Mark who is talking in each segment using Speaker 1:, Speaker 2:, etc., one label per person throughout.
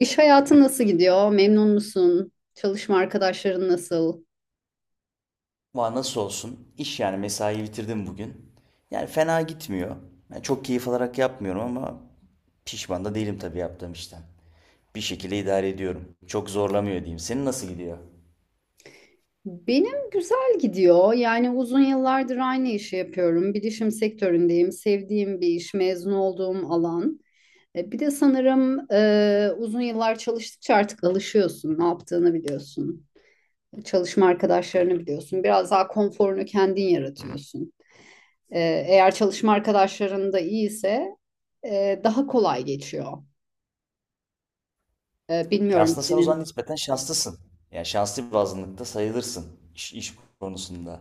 Speaker 1: İş hayatı nasıl gidiyor? Memnun musun? Çalışma arkadaşların nasıl?
Speaker 2: Ama nasıl olsun? İş yani mesai bitirdim bugün. Yani fena gitmiyor. Yani çok keyif alarak yapmıyorum ama pişman da değilim tabii yaptığım işten. Bir şekilde idare ediyorum. Çok zorlamıyor diyeyim. Senin nasıl gidiyor?
Speaker 1: Benim güzel gidiyor. Yani uzun yıllardır aynı işi yapıyorum. Bilişim sektöründeyim. Sevdiğim bir iş, mezun olduğum alan. Bir de sanırım uzun yıllar çalıştıkça artık alışıyorsun. Ne yaptığını biliyorsun. Çalışma arkadaşlarını biliyorsun. Biraz daha konforunu kendin yaratıyorsun. E, eğer çalışma arkadaşların da iyiyse daha kolay geçiyor.
Speaker 2: Ya
Speaker 1: Bilmiyorum
Speaker 2: aslında sen o
Speaker 1: senin.
Speaker 2: zaman nispeten şanslısın. Yani şanslı bir azınlıkta sayılırsın iş konusunda.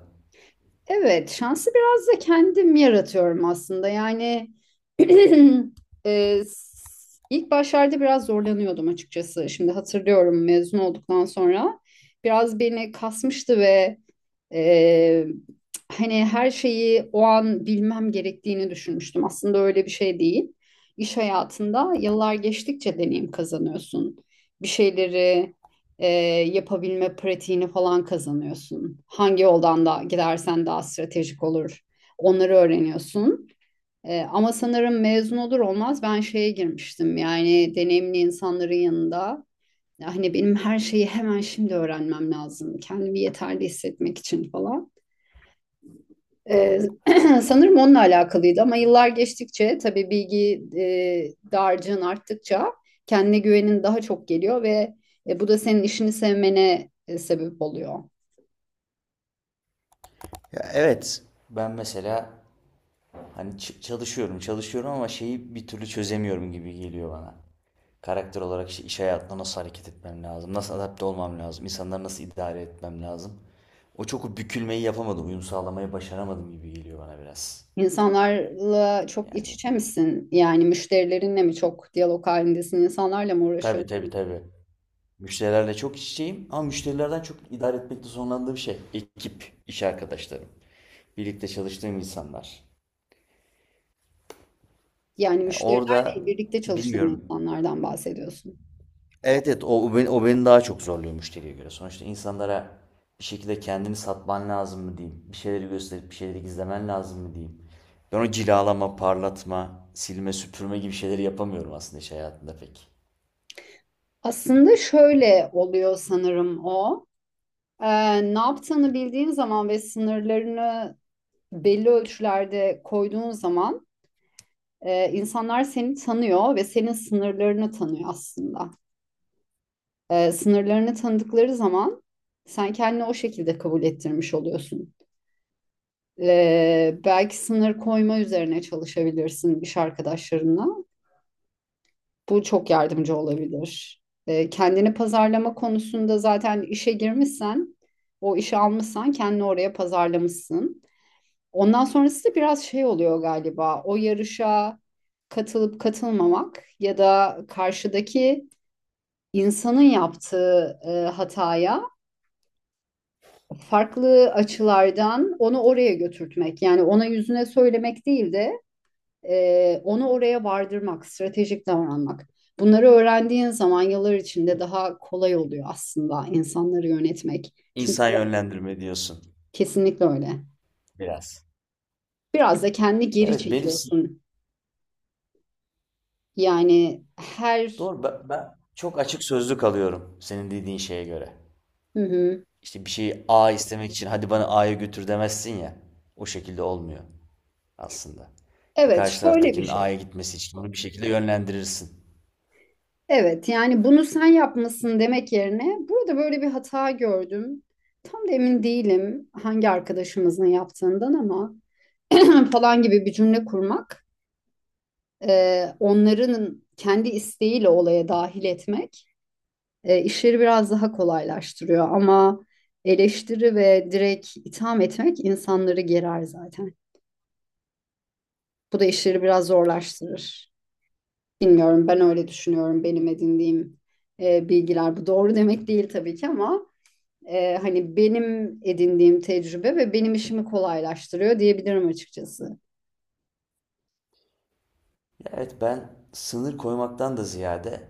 Speaker 1: Evet, şansı biraz da kendim yaratıyorum aslında. Yani ilk başlarda biraz zorlanıyordum açıkçası. Şimdi hatırlıyorum mezun olduktan sonra biraz beni kasmıştı ve ee, hani her şeyi o an bilmem gerektiğini düşünmüştüm. Aslında öyle bir şey değil. İş hayatında yıllar geçtikçe deneyim kazanıyorsun. Bir şeyleri e, yapabilme pratiğini falan kazanıyorsun. Hangi yoldan da gidersen daha stratejik olur. Onları öğreniyorsun. Ama sanırım mezun olur olmaz ben şeye girmiştim. Yani deneyimli insanların yanında, hani benim her şeyi hemen şimdi öğrenmem lazım. Kendimi yeterli hissetmek için falan. Ee, sanırım onunla alakalıydı ama yıllar geçtikçe tabii bilgi dağarcığın arttıkça kendine güvenin daha çok geliyor ve bu da senin işini sevmene sebep oluyor.
Speaker 2: Ya evet. Ben mesela hani çalışıyorum, çalışıyorum ama şeyi bir türlü çözemiyorum gibi geliyor bana. Karakter olarak işte iş hayatında nasıl hareket etmem lazım, nasıl adapte olmam lazım, insanları nasıl idare etmem lazım. O çok o bükülmeyi yapamadım, uyum sağlamayı başaramadım gibi geliyor bana biraz.
Speaker 1: İnsanlarla çok iç
Speaker 2: Yani
Speaker 1: içe misin? Yani müşterilerinle mi çok diyalog halindesin? İnsanlarla mı
Speaker 2: tabii
Speaker 1: uğraşıyorsun?
Speaker 2: tabii tabii. Müşterilerle çok iç içeyim ama müşterilerden çok idare etmekte zorlandığım şey ekip, iş arkadaşlarım, birlikte çalıştığım insanlar.
Speaker 1: Yani
Speaker 2: Yani orada
Speaker 1: müşterilerle birlikte çalışan
Speaker 2: bilmiyorum.
Speaker 1: insanlardan bahsediyorsun.
Speaker 2: Evet, evet, o beni daha çok zorluyor müşteriye göre. Sonuçta insanlara bir şekilde kendini satman lazım mı diyeyim. Bir şeyleri gösterip bir şeyleri gizlemen lazım mı diyeyim. Ben o cilalama, parlatma, silme, süpürme gibi şeyleri yapamıyorum aslında iş hayatında pek.
Speaker 1: Aslında şöyle oluyor sanırım o. Ne yaptığını bildiğin zaman ve sınırlarını belli ölçülerde koyduğun zaman insanlar seni tanıyor ve senin sınırlarını tanıyor aslında. Sınırlarını tanıdıkları zaman sen kendini o şekilde kabul ettirmiş oluyorsun. Belki sınır koyma üzerine çalışabilirsin iş arkadaşlarına. Bu çok yardımcı olabilir. Kendini pazarlama konusunda zaten işe girmişsen, o işi almışsan kendini oraya pazarlamışsın. Ondan sonrası da biraz şey oluyor galiba. O yarışa katılıp katılmamak ya da karşıdaki insanın yaptığı hataya farklı açılardan onu oraya götürtmek. Yani ona yüzüne söylemek değil de onu oraya vardırmak, stratejik davranmak. Bunları öğrendiğin zaman yıllar içinde daha kolay oluyor aslında insanları yönetmek. Çünkü
Speaker 2: İnsan yönlendirme diyorsun
Speaker 1: kesinlikle öyle.
Speaker 2: biraz.
Speaker 1: Biraz da kendi
Speaker 2: Ya
Speaker 1: geri
Speaker 2: evet, benim
Speaker 1: çekiyorsun. Yani her...
Speaker 2: doğru, ben çok açık sözlü kalıyorum senin dediğin şeye göre.
Speaker 1: Hı hı.
Speaker 2: İşte bir şeyi A istemek için hadi bana A'ya götür demezsin ya. O şekilde olmuyor aslında. İşte
Speaker 1: Evet,
Speaker 2: karşı
Speaker 1: şöyle bir
Speaker 2: taraftakinin
Speaker 1: şey.
Speaker 2: A'ya gitmesi için onu bir şekilde yönlendirirsin.
Speaker 1: Evet, yani bunu sen yapmasın demek yerine burada böyle bir hata gördüm. Tam da emin değilim hangi arkadaşımızın yaptığından ama falan gibi bir cümle kurmak onların kendi isteğiyle olaya dahil etmek işleri biraz daha kolaylaştırıyor. Ama eleştiri ve direkt itham etmek insanları gerer zaten. Bu da işleri biraz zorlaştırır. Bilmiyorum, ben öyle düşünüyorum, benim edindiğim bilgiler. Bu doğru demek değil tabii ki ama hani benim edindiğim tecrübe ve benim işimi kolaylaştırıyor diyebilirim açıkçası.
Speaker 2: Ya evet, ben sınır koymaktan da ziyade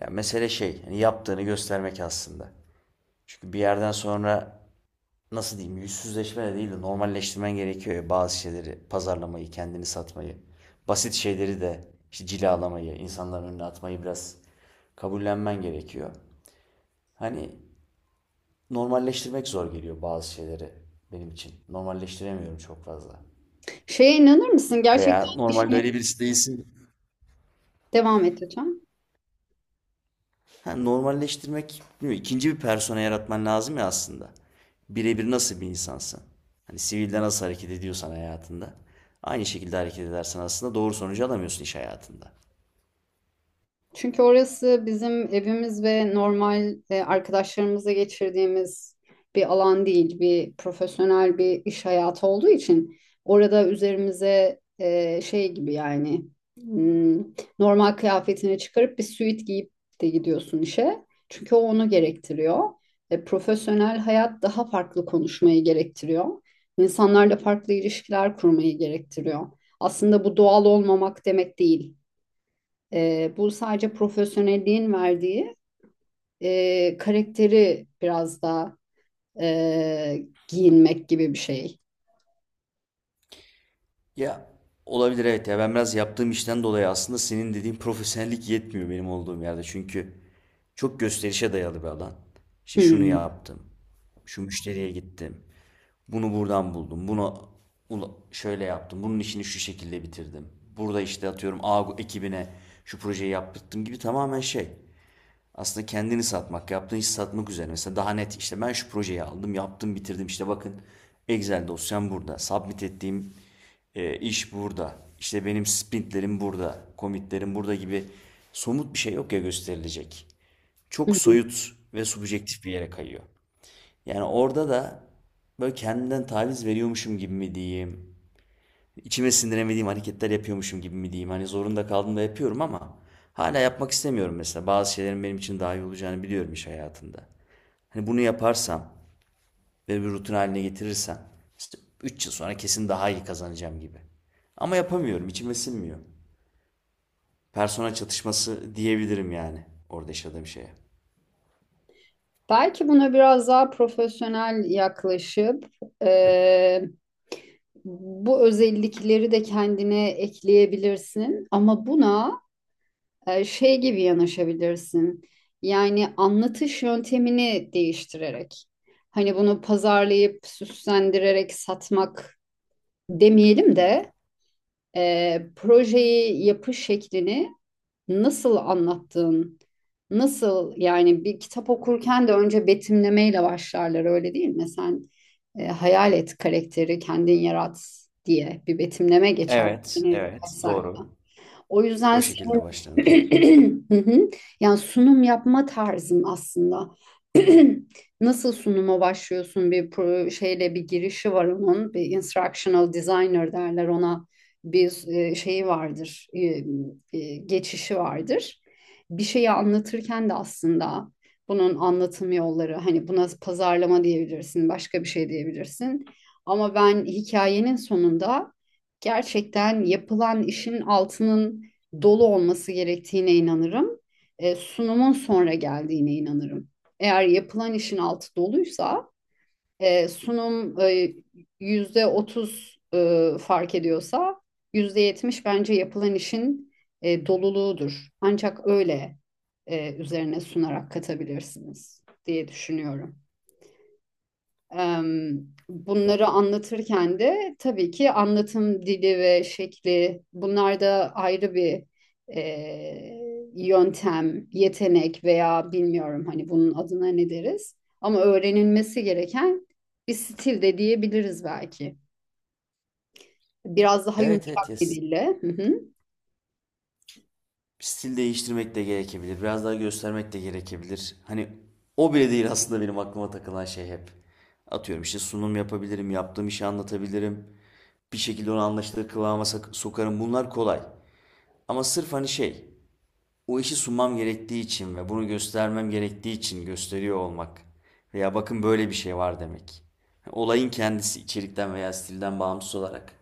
Speaker 2: ya mesele şey, hani yaptığını göstermek aslında. Çünkü bir yerden sonra nasıl diyeyim, yüzsüzleşme de değil de normalleştirmen gerekiyor ya bazı şeyleri, pazarlamayı, kendini satmayı. Basit şeyleri de işte cilalamayı, insanların önüne atmayı biraz kabullenmen gerekiyor. Hani normalleştirmek zor geliyor bazı şeyleri benim için. Normalleştiremiyorum çok fazla.
Speaker 1: Şeye inanır mısın? Gerçekten
Speaker 2: Veya normalde
Speaker 1: işini,
Speaker 2: öyle birisi değilsin.
Speaker 1: devam et lütfen.
Speaker 2: Ha, normalleştirmek, bilmiyorum, ikinci bir persona yaratman lazım ya aslında. Birebir nasıl bir insansın? Hani sivilde nasıl hareket ediyorsan hayatında. Aynı şekilde hareket edersen aslında doğru sonucu alamıyorsun iş hayatında.
Speaker 1: Çünkü orası bizim evimiz ve normal arkadaşlarımızla geçirdiğimiz bir alan değil, bir profesyonel bir iş hayatı olduğu için orada üzerimize şey gibi, yani hmm, normal kıyafetini çıkarıp bir süit giyip de gidiyorsun işe. Çünkü o onu gerektiriyor. Profesyonel hayat daha farklı konuşmayı gerektiriyor. İnsanlarla farklı ilişkiler kurmayı gerektiriyor. Aslında bu doğal olmamak demek değil. Bu sadece profesyonelliğin verdiği karakteri biraz daha giyinmek gibi bir şey.
Speaker 2: Ya olabilir evet, ya ben biraz yaptığım işten dolayı aslında senin dediğin profesyonellik yetmiyor benim olduğum yerde. Çünkü çok gösterişe dayalı bir alan. İşte şunu
Speaker 1: Hmm.
Speaker 2: yaptım. Şu müşteriye gittim. Bunu buradan buldum. Bunu şöyle yaptım. Bunun işini şu şekilde bitirdim. Burada işte atıyorum A ekibine şu projeyi yaptırdım gibi tamamen şey. Aslında kendini satmak, yaptığın işi satmak üzerine. Mesela daha net işte ben şu projeyi aldım, yaptım, bitirdim. İşte bakın, Excel dosyam burada. Submit ettiğim iş burada. İşte benim sprintlerim burada, commitlerim burada gibi somut bir şey yok ya gösterilecek.
Speaker 1: Hı
Speaker 2: Çok
Speaker 1: hı.
Speaker 2: soyut ve subjektif bir yere kayıyor. Yani orada da böyle kendimden taviz veriyormuşum gibi mi diyeyim, içime sindiremediğim hareketler yapıyormuşum gibi mi diyeyim. Hani zorunda kaldım da yapıyorum ama hala yapmak istemiyorum mesela. Bazı şeylerin benim için daha iyi olacağını biliyorum iş hayatında. Hani bunu yaparsam ve bir rutin haline getirirsem işte 3 yıl sonra kesin daha iyi kazanacağım gibi. Ama yapamıyorum, içime sinmiyor. Persona çatışması diyebilirim yani orada yaşadığım şeye.
Speaker 1: Belki buna biraz daha profesyonel yaklaşıp e, bu özellikleri de kendine ekleyebilirsin. Ama buna şey gibi yanaşabilirsin. Yani anlatış yöntemini değiştirerek. Hani bunu pazarlayıp süslendirerek satmak demeyelim de projeyi yapış şeklini, nasıl anlattığın, nasıl, yani bir kitap okurken de önce betimlemeyle başlarlar, öyle değil mi? Sen hayal et, karakteri kendin yarat diye bir betimleme geçer.
Speaker 2: Evet,
Speaker 1: Yani birkaç
Speaker 2: evet,
Speaker 1: sayfa.
Speaker 2: doğru.
Speaker 1: O
Speaker 2: O
Speaker 1: yüzden
Speaker 2: şekilde başlanır.
Speaker 1: hı hı. Yani sunum yapma tarzım aslında. Nasıl sunuma başlıyorsun? Şeyle bir girişi var onun. Bir instructional designer derler ona. Bir şeyi vardır. Geçişi vardır. Bir şeyi anlatırken de aslında bunun anlatım yolları, hani buna pazarlama diyebilirsin, başka bir şey diyebilirsin. Ama ben hikayenin sonunda gerçekten yapılan işin altının dolu olması gerektiğine inanırım. Sunumun sonra geldiğine inanırım. Eğer yapılan işin altı doluysa, sunum %30 fark ediyorsa, %70 bence yapılan işin doluluğudur. Ancak öyle üzerine sunarak katabilirsiniz diye düşünüyorum.
Speaker 2: Ya.
Speaker 1: Bunları anlatırken de tabii ki anlatım dili ve şekli, bunlar da ayrı bir yöntem, yetenek veya bilmiyorum hani bunun adına ne deriz. Ama öğrenilmesi gereken bir stil de diyebiliriz belki. Biraz daha
Speaker 2: Evet, evet, ya
Speaker 1: yumuşak bir dille. Hı hı.
Speaker 2: stil değiştirmek de gerekebilir. Biraz daha göstermek de gerekebilir. Hani o bile değil aslında benim aklıma takılan şey hep. Atıyorum işte sunum yapabilirim, yaptığım işi anlatabilirim. Bir şekilde onu anlaşılır kıvama sokarım. Bunlar kolay. Ama sırf hani şey, o işi sunmam gerektiği için ve bunu göstermem gerektiği için gösteriyor olmak. Veya bakın böyle bir şey var demek. Olayın kendisi içerikten veya stilden bağımsız olarak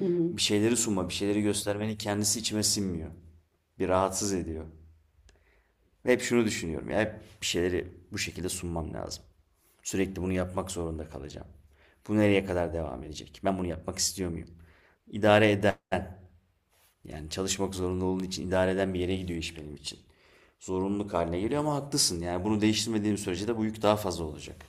Speaker 1: Hı hı.
Speaker 2: bir şeyleri sunma, bir şeyleri göstermenin kendisi içime sinmiyor. Bir rahatsız ediyor. Ve hep şunu düşünüyorum. Ya hep bir şeyleri bu şekilde sunmam lazım. Sürekli bunu yapmak zorunda kalacağım. Bu nereye kadar devam edecek? Ben bunu yapmak istiyor muyum? İdare eder. Yani çalışmak zorunda olduğu için idare eden bir yere gidiyor iş benim için. Zorunluluk haline geliyor ama haklısın. Yani bunu değiştirmediğim sürece de bu yük daha fazla olacak.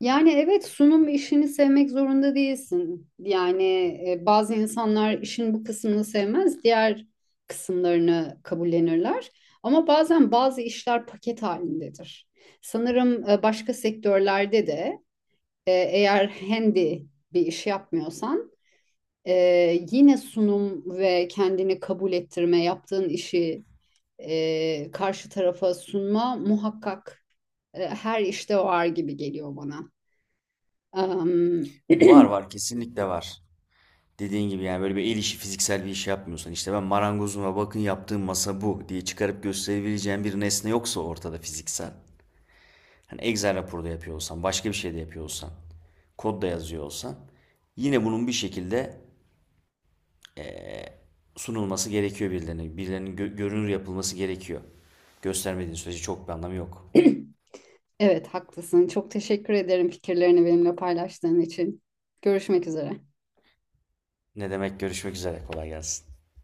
Speaker 1: Yani evet, sunum işini sevmek zorunda değilsin. Yani bazı insanlar işin bu kısmını sevmez, diğer kısımlarını kabullenirler. Ama bazen bazı işler paket halindedir. Sanırım başka sektörlerde de eğer handy bir iş yapmıyorsan e, yine sunum ve kendini kabul ettirme, yaptığın işi karşı tarafa sunma muhakkak her işte var gibi geliyor bana.
Speaker 2: Var, var, kesinlikle var. Dediğin gibi yani böyle bir el işi, fiziksel bir iş yapmıyorsan, işte ben marangozuma bakın yaptığım masa bu diye çıkarıp gösterebileceğin bir nesne yoksa ortada fiziksel. Hani Excel raporu da yapıyor olsan, başka bir şey de yapıyor olsan, kod da yazıyor olsan yine bunun bir şekilde sunulması gerekiyor birilerine. Birilerinin görünür yapılması gerekiyor. Göstermediğin sürece çok bir anlamı yok.
Speaker 1: Evet, haklısın. Çok teşekkür ederim fikirlerini benimle paylaştığın için. Görüşmek üzere.
Speaker 2: Ne demek, görüşmek üzere, kolay gelsin.